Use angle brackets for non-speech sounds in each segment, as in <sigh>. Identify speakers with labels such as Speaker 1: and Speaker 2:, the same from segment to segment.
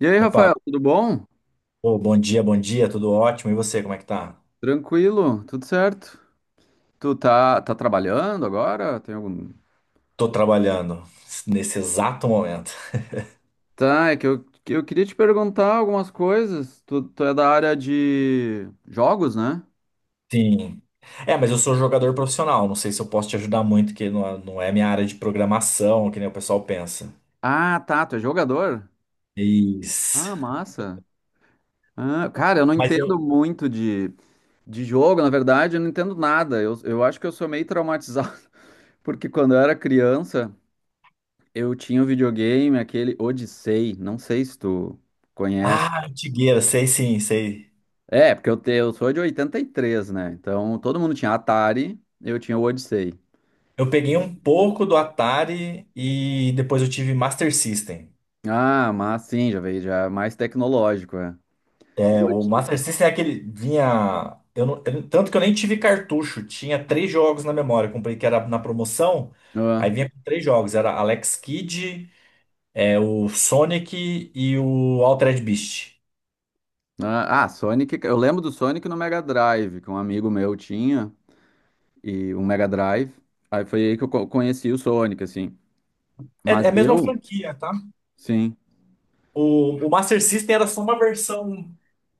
Speaker 1: E aí,
Speaker 2: Opa,
Speaker 1: Rafael, tudo bom?
Speaker 2: pô, bom dia, tudo ótimo. E você, como é que tá?
Speaker 1: Tranquilo, tudo certo? Tu tá trabalhando agora? Tem algum?
Speaker 2: Tô trabalhando nesse exato momento.
Speaker 1: Tá, é que eu queria te perguntar algumas coisas. Tu é da área de jogos, né?
Speaker 2: Sim. É, mas eu sou jogador profissional, não sei se eu posso te ajudar muito, que não é minha área de programação, que nem o pessoal pensa.
Speaker 1: Ah, tá, tu é jogador?
Speaker 2: Isso.
Speaker 1: Ah, massa. Ah, cara, eu não
Speaker 2: Mas eu.
Speaker 1: entendo muito de jogo, na verdade, eu não entendo nada. Eu acho que eu sou meio traumatizado, <laughs> porque quando eu era criança, eu tinha um videogame, aquele Odyssey, não sei se tu conhece.
Speaker 2: Ah, antigueira, sei sim, sei.
Speaker 1: É, porque eu sou de 83, né? Então todo mundo tinha Atari, eu tinha o Odyssey.
Speaker 2: Eu peguei um pouco do Atari e depois eu tive Master System.
Speaker 1: Ah, mas sim, já veio, já é mais tecnológico, é.
Speaker 2: É,
Speaker 1: O
Speaker 2: o
Speaker 1: Odyssey.
Speaker 2: Master System é aquele. Vinha. Eu não, tanto que eu nem tive cartucho. Tinha três jogos na memória. Eu comprei que era na promoção. Aí
Speaker 1: Ah,
Speaker 2: vinha com três jogos. Era Alex Kidd, o Sonic e o Altered Beast.
Speaker 1: ah, ah, Sonic, eu lembro do Sonic no Mega Drive, que um amigo meu tinha, e um Mega Drive. Aí foi aí que eu conheci o Sonic, assim.
Speaker 2: É,
Speaker 1: Mas
Speaker 2: é a mesma
Speaker 1: eu,
Speaker 2: franquia, tá?
Speaker 1: sim,
Speaker 2: O Master System era só uma versão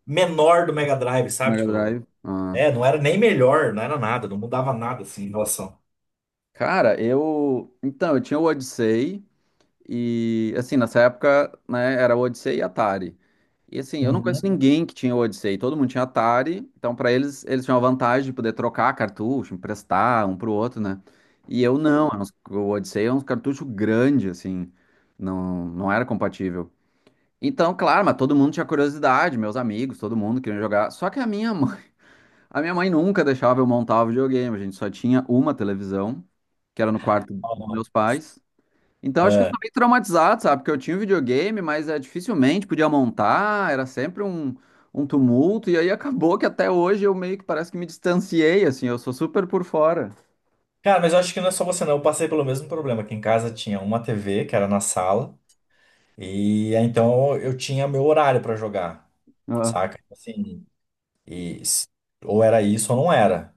Speaker 2: menor do Mega Drive, sabe?
Speaker 1: Mega
Speaker 2: Tipo,
Speaker 1: Drive. Ah.
Speaker 2: não era nem melhor, não era nada, não mudava nada assim em relação.
Speaker 1: Cara, eu. Então, eu tinha o Odyssey. E assim, nessa época, né, era Odyssey e Atari. E assim, eu não conheço
Speaker 2: Uhum.
Speaker 1: ninguém que tinha Odyssey, todo mundo tinha Atari, então pra eles tinham a vantagem de poder trocar cartucho, emprestar um pro outro, né? E eu não, era o Odyssey é um cartucho grande assim, não era compatível. Então, claro, mas todo mundo tinha curiosidade, meus amigos, todo mundo queria jogar. Só que a minha mãe, <laughs> a minha mãe nunca deixava eu montar o videogame, a gente só tinha uma televisão, que era no quarto dos meus pais. Então, acho que eu
Speaker 2: É.
Speaker 1: sou meio traumatizado, sabe? Porque eu tinha um videogame, mas é, dificilmente podia montar, era sempre um tumulto, e aí acabou que até hoje eu meio que parece que me distanciei, assim, eu sou super por fora.
Speaker 2: Cara, mas eu acho que não é só você, não. Eu passei pelo mesmo problema. Aqui em casa tinha uma TV que era na sala. E aí, então eu tinha meu horário pra jogar,
Speaker 1: Ah.
Speaker 2: saca? Tipo assim, e s- ou era isso ou não era,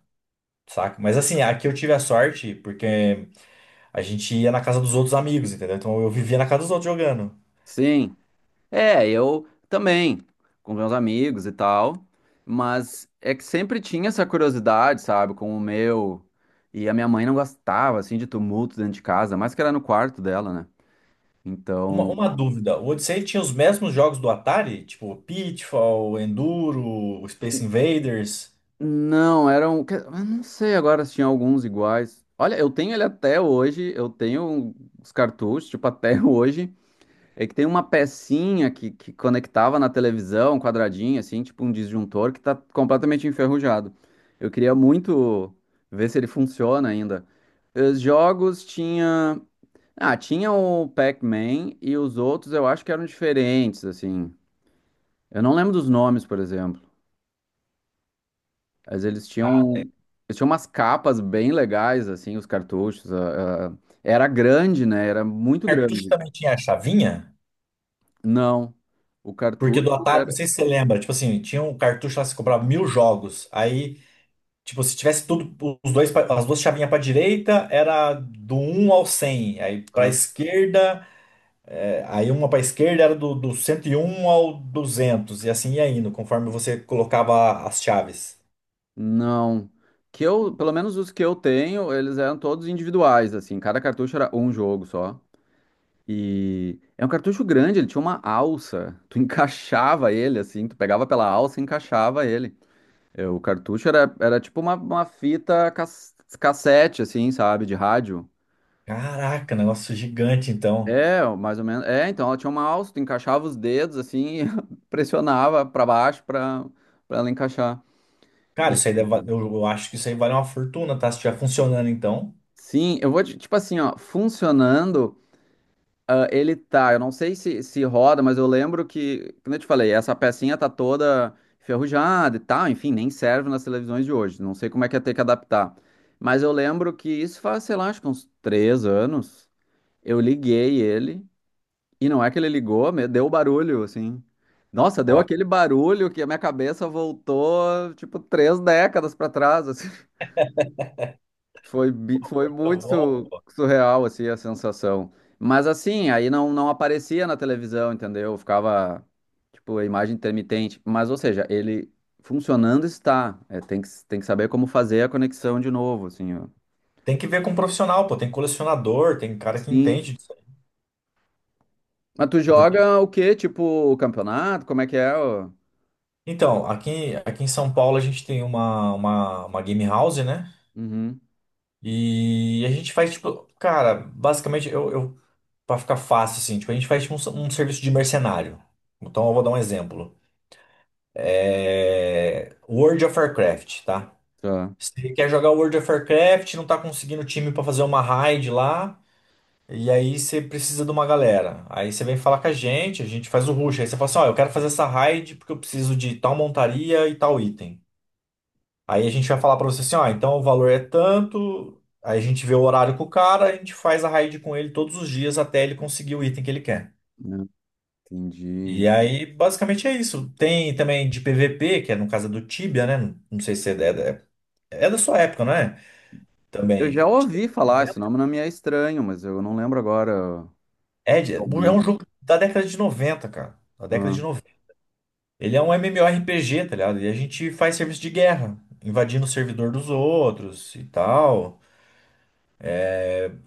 Speaker 2: saca? Mas assim, aqui eu tive a sorte porque a gente ia na casa dos outros amigos, entendeu? Então eu vivia na casa dos outros jogando.
Speaker 1: Sim, é, eu também, com meus amigos e tal, mas é que sempre tinha essa curiosidade, sabe, com o meu, e a minha mãe não gostava, assim, de tumulto dentro de casa, mais que era no quarto dela, né?
Speaker 2: Uma,
Speaker 1: Então,
Speaker 2: uma dúvida, o Odyssey tinha os mesmos jogos do Atari? Tipo Pitfall, Enduro, Space Invaders.
Speaker 1: não, eram. Que- eu Não sei agora se tinha alguns iguais. Olha, eu tenho ele até hoje, eu tenho os cartuchos, tipo, até <laughs> hoje. É que tem uma pecinha que conectava na televisão, quadradinha, assim, tipo um disjuntor, que tá completamente enferrujado. Eu queria muito ver se ele funciona ainda. Os jogos tinha. Ah, tinha o Pac-Man e os outros eu acho que eram diferentes, assim. Eu não lembro dos nomes, por exemplo. Mas eles tinham umas capas bem legais, assim, os cartuchos. Era grande, né? Era muito
Speaker 2: Cartucho
Speaker 1: grande.
Speaker 2: também tinha a chavinha?
Speaker 1: Não, o
Speaker 2: Porque
Speaker 1: cartucho
Speaker 2: do Atari, não
Speaker 1: era.
Speaker 2: sei se você lembra, tipo assim, tinha um cartucho lá que você comprava mil jogos. Aí tipo, se tivesse tudo, os dois, as duas chavinhas para direita, era do 1 ao 100. Aí para
Speaker 1: Ah,
Speaker 2: esquerda, aí uma para esquerda era do 101 ao 200. E assim ia indo, conforme você colocava as chaves.
Speaker 1: não. Que eu, pelo menos os que eu tenho, eles eram todos individuais, assim. Cada cartucho era um jogo só. E é um cartucho grande, ele tinha uma alça. Tu <laughs> encaixava ele, assim, tu pegava pela alça e encaixava ele. É, o cartucho era tipo uma fita cassete, assim, sabe, de rádio.
Speaker 2: Caraca, negócio gigante, então.
Speaker 1: É, mais ou menos. É, então ela tinha uma alça, tu encaixava os dedos assim e <laughs> pressionava pra baixo pra para ela encaixar.
Speaker 2: Cara,
Speaker 1: E
Speaker 2: isso aí deve, eu acho que isso aí vale uma fortuna, tá? Se estiver funcionando, então.
Speaker 1: sim, eu vou tipo assim, ó, funcionando, ah, ele tá. Eu não sei se roda, mas eu lembro que, como eu te falei, essa pecinha tá toda enferrujada e tal, enfim, nem serve nas televisões de hoje. Não sei como é que ia ter que adaptar. Mas eu lembro que isso faz, sei lá, acho que uns 3 anos. Eu liguei ele. E não é que ele ligou, deu o barulho, assim. Nossa, deu
Speaker 2: Ó,
Speaker 1: aquele barulho que a minha cabeça voltou, tipo, 3 décadas para trás, assim. <laughs> Foi, foi
Speaker 2: tá
Speaker 1: muito
Speaker 2: bom.
Speaker 1: surreal, assim, a sensação. Mas, assim, aí não aparecia na televisão, entendeu? Ficava, tipo, a imagem intermitente. Mas, ou seja, ele funcionando está. É, tem que saber como fazer a conexão de novo, assim, ó.
Speaker 2: Tem que ver com um profissional, pô. Tem colecionador, tem cara que
Speaker 1: Sim.
Speaker 2: entende disso aí.
Speaker 1: Mas tu
Speaker 2: Porque-
Speaker 1: joga o quê? Tipo, o campeonato? Como é que é? Ó?
Speaker 2: Então, aqui em São Paulo a gente tem uma game house, né?
Speaker 1: Uhum.
Speaker 2: E a gente faz, tipo, cara, basicamente, eu, pra ficar fácil, assim, tipo, a gente faz tipo, um serviço de mercenário. Então eu vou dar um exemplo. World of Warcraft, tá?
Speaker 1: Tá.
Speaker 2: Você quer jogar World of Warcraft, não tá conseguindo time pra fazer uma raid lá, e aí você precisa de uma galera. Aí você vem falar com a gente faz o rush. Aí você fala assim, ó, eu quero fazer essa raid porque eu preciso de tal montaria e tal item. Aí a gente vai falar para você assim, ó, então o valor é tanto, aí a gente vê o horário com o cara, a gente faz a raid com ele todos os dias até ele conseguir o item que ele quer.
Speaker 1: Entendi.
Speaker 2: E aí, basicamente é isso. Tem também de PVP, que é no caso é do Tibia, né? Não sei se é da, é é da sua época, não é?
Speaker 1: Eu
Speaker 2: Também.
Speaker 1: já ouvi falar, esse nome não me é estranho, mas eu não lembro agora
Speaker 2: É um
Speaker 1: realmente.
Speaker 2: jogo da década de 90, cara. Da década
Speaker 1: Ah,
Speaker 2: de 90. Ele é um MMORPG, tá ligado? E a gente faz serviço de guerra, invadindo o servidor dos outros e tal.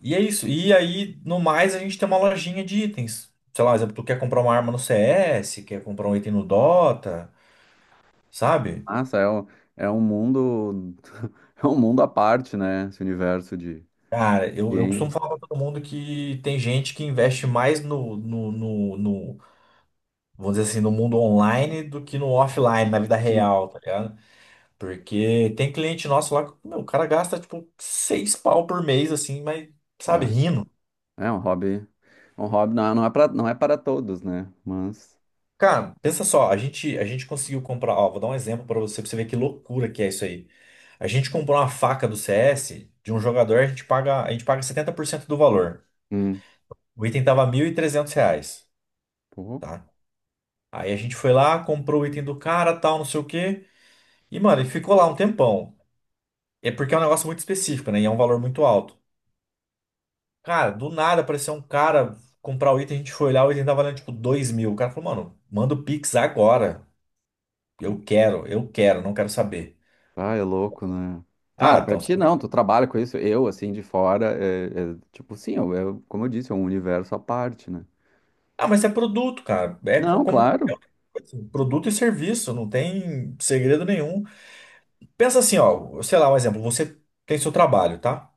Speaker 2: E é isso. E aí, no mais, a gente tem uma lojinha de itens. Sei lá, exemplo, tu quer comprar uma arma no CS, quer comprar um item no Dota, sabe?
Speaker 1: nossa, é um, mundo, <laughs> é um mundo à parte, né? Esse universo de
Speaker 2: Cara, eu costumo
Speaker 1: game.
Speaker 2: falar pra todo mundo que tem gente que investe mais vamos dizer assim, no mundo online do que no offline, na vida
Speaker 1: Sim.
Speaker 2: real, tá ligado? Porque tem cliente nosso lá que, meu, o cara gasta, tipo, seis pau por mês, assim, mas, sabe,
Speaker 1: Dá.
Speaker 2: rindo.
Speaker 1: É um hobby não, não é para todos, né? Mas,
Speaker 2: Cara, pensa só, a gente conseguiu comprar, ó, vou dar um exemplo pra você ver que loucura que é isso aí. A gente comprou uma faca do CS de um jogador, a gente paga 70% do valor.
Speaker 1: hum,
Speaker 2: O item tava R$ 1.300,
Speaker 1: pô,
Speaker 2: tá? Aí a gente foi lá, comprou o item do cara, tal, não sei o quê. E, mano, ele ficou lá um tempão. É porque é um negócio muito específico, né? E é um valor muito alto. Cara, do nada apareceu um cara comprar o item, a gente foi lá, o item tava valendo tipo 2.000. O cara falou, mano, manda o Pix agora. Eu quero, não quero saber.
Speaker 1: ah, é louco, né?
Speaker 2: Ah,
Speaker 1: Claro, para
Speaker 2: então.
Speaker 1: ti não, tu trabalha com isso. Eu, assim, de fora, é, tipo, sim, como eu disse, é um universo à parte, né?
Speaker 2: Ah, mas é produto, cara. É com-
Speaker 1: Não,
Speaker 2: como qualquer
Speaker 1: claro.
Speaker 2: outra coisa. Assim, produto e serviço, não tem segredo nenhum. Pensa assim, ó, sei lá, um exemplo, você tem seu trabalho, tá?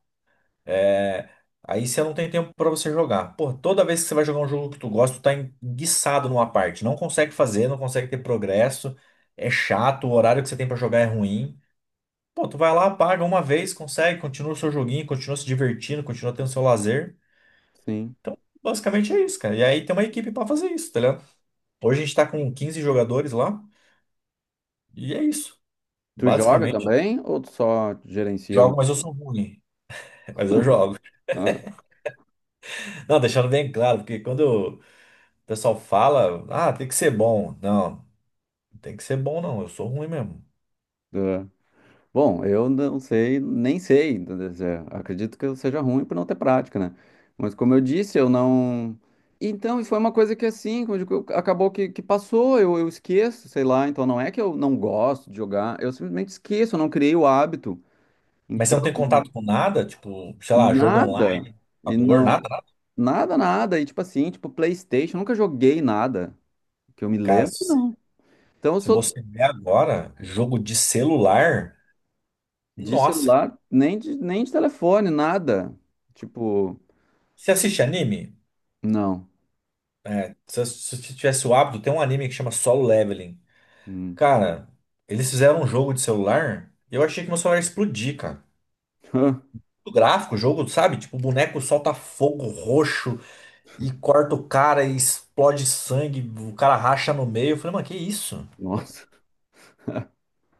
Speaker 2: É, aí você não tem tempo pra você jogar. Pô, toda vez que você vai jogar um jogo que tu gosta, tu tá enguiçado numa parte, não consegue fazer, não consegue ter progresso, é chato, o horário que você tem pra jogar é ruim. Pô, tu vai lá, paga uma vez, consegue, continua o seu joguinho, continua se divertindo, continua tendo seu lazer.
Speaker 1: Sim.
Speaker 2: Então, basicamente é isso, cara. E aí tem uma equipe pra fazer isso, tá ligado? Hoje a gente tá com 15 jogadores lá e é isso.
Speaker 1: Tu joga
Speaker 2: Basicamente,
Speaker 1: também ou tu só gerencia, né?
Speaker 2: jogo, mas eu sou ruim. <laughs> Mas eu jogo.
Speaker 1: Ah, ah.
Speaker 2: Não, deixando bem claro, porque quando o pessoal fala, ah, tem que ser bom. Não, não tem que ser bom, não. Eu sou ruim mesmo.
Speaker 1: Tá. Bom, eu não sei, nem sei. Quer dizer, acredito que eu seja ruim por não ter prática, né? Mas como eu disse, eu não. Então, e foi uma coisa que assim, como eu digo, acabou que passou, eu esqueço, sei lá. Então, não é que eu não gosto de jogar, eu simplesmente esqueço, eu não criei o hábito.
Speaker 2: Mas você
Speaker 1: Então,
Speaker 2: não tem contato com nada, tipo, sei lá, jogo
Speaker 1: nada,
Speaker 2: online,
Speaker 1: e
Speaker 2: computador,
Speaker 1: não,
Speaker 2: nada, nada.
Speaker 1: nada, nada. E tipo assim, tipo PlayStation, eu nunca joguei nada que eu me
Speaker 2: Cara, se
Speaker 1: lembro,
Speaker 2: você,
Speaker 1: não. Então, eu
Speaker 2: se
Speaker 1: sou.
Speaker 2: você ver agora, jogo de celular,
Speaker 1: De
Speaker 2: nossa, cara.
Speaker 1: celular, nem de telefone, nada. Tipo,
Speaker 2: Você assiste anime?
Speaker 1: não.
Speaker 2: É, se você tivesse o hábito, tem um anime que chama Solo Leveling.
Speaker 1: Hum.
Speaker 2: Cara, eles fizeram um jogo de celular e eu achei que meu celular ia explodir, cara.
Speaker 1: <laughs>
Speaker 2: O gráfico, o jogo, sabe? Tipo, o boneco solta fogo roxo e corta o cara e explode sangue, o cara racha no meio. Eu falei, mano, que isso?
Speaker 1: Nossa.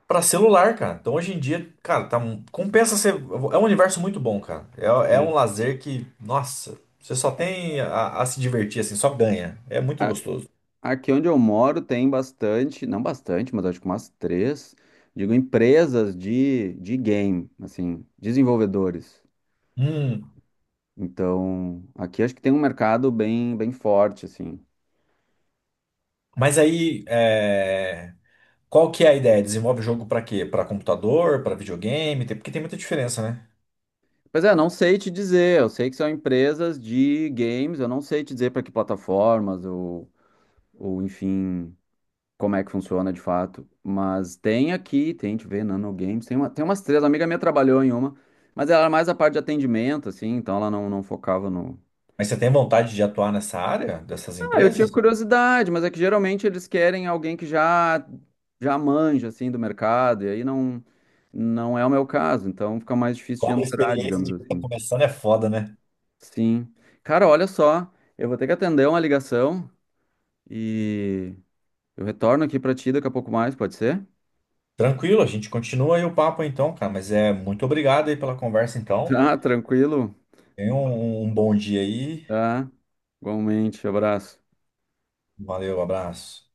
Speaker 2: Pra celular, cara. Então hoje em dia, cara, tá, compensa ser. É um universo muito bom, cara. É, é um
Speaker 1: Sim.
Speaker 2: lazer que, nossa, você só tem a se divertir, assim, só ganha. É muito
Speaker 1: A-
Speaker 2: gostoso.
Speaker 1: Aqui onde eu moro tem bastante, não bastante, mas acho que umas três, digo, empresas de game, assim, desenvolvedores.
Speaker 2: Hum,
Speaker 1: Então, aqui acho que tem um mercado bem, bem forte, assim.
Speaker 2: mas aí, é. Qual que é a ideia? Desenvolve jogo pra quê? Pra computador, pra videogame? Porque tem muita diferença, né?
Speaker 1: Pois é, não sei te dizer, eu sei que são empresas de games, eu não sei te dizer para que plataformas ou enfim, como é que funciona de fato. Mas tem aqui, tem, deixa eu ver, Nano Games. Tem umas três, a amiga minha trabalhou em uma, mas ela era mais a parte de atendimento, assim, então ela não focava no.
Speaker 2: Mas você tem vontade de atuar nessa área dessas
Speaker 1: Ah, eu tinha
Speaker 2: empresas?
Speaker 1: curiosidade, mas é que geralmente eles querem alguém que já manja, assim, do mercado, e aí não é o meu caso, então fica mais difícil de
Speaker 2: Cobra
Speaker 1: entrar,
Speaker 2: experiência
Speaker 1: digamos
Speaker 2: de quem tá
Speaker 1: assim.
Speaker 2: começando é foda, né?
Speaker 1: Sim. Cara, olha só, eu vou ter que atender uma ligação e eu retorno aqui pra ti daqui a pouco mais, pode ser?
Speaker 2: Tranquilo, a gente continua aí o papo então, cara. Mas é muito obrigado aí pela conversa então.
Speaker 1: Tá, tranquilo.
Speaker 2: Tenha um bom dia aí.
Speaker 1: Tá? Igualmente, abraço.
Speaker 2: Valeu, abraço.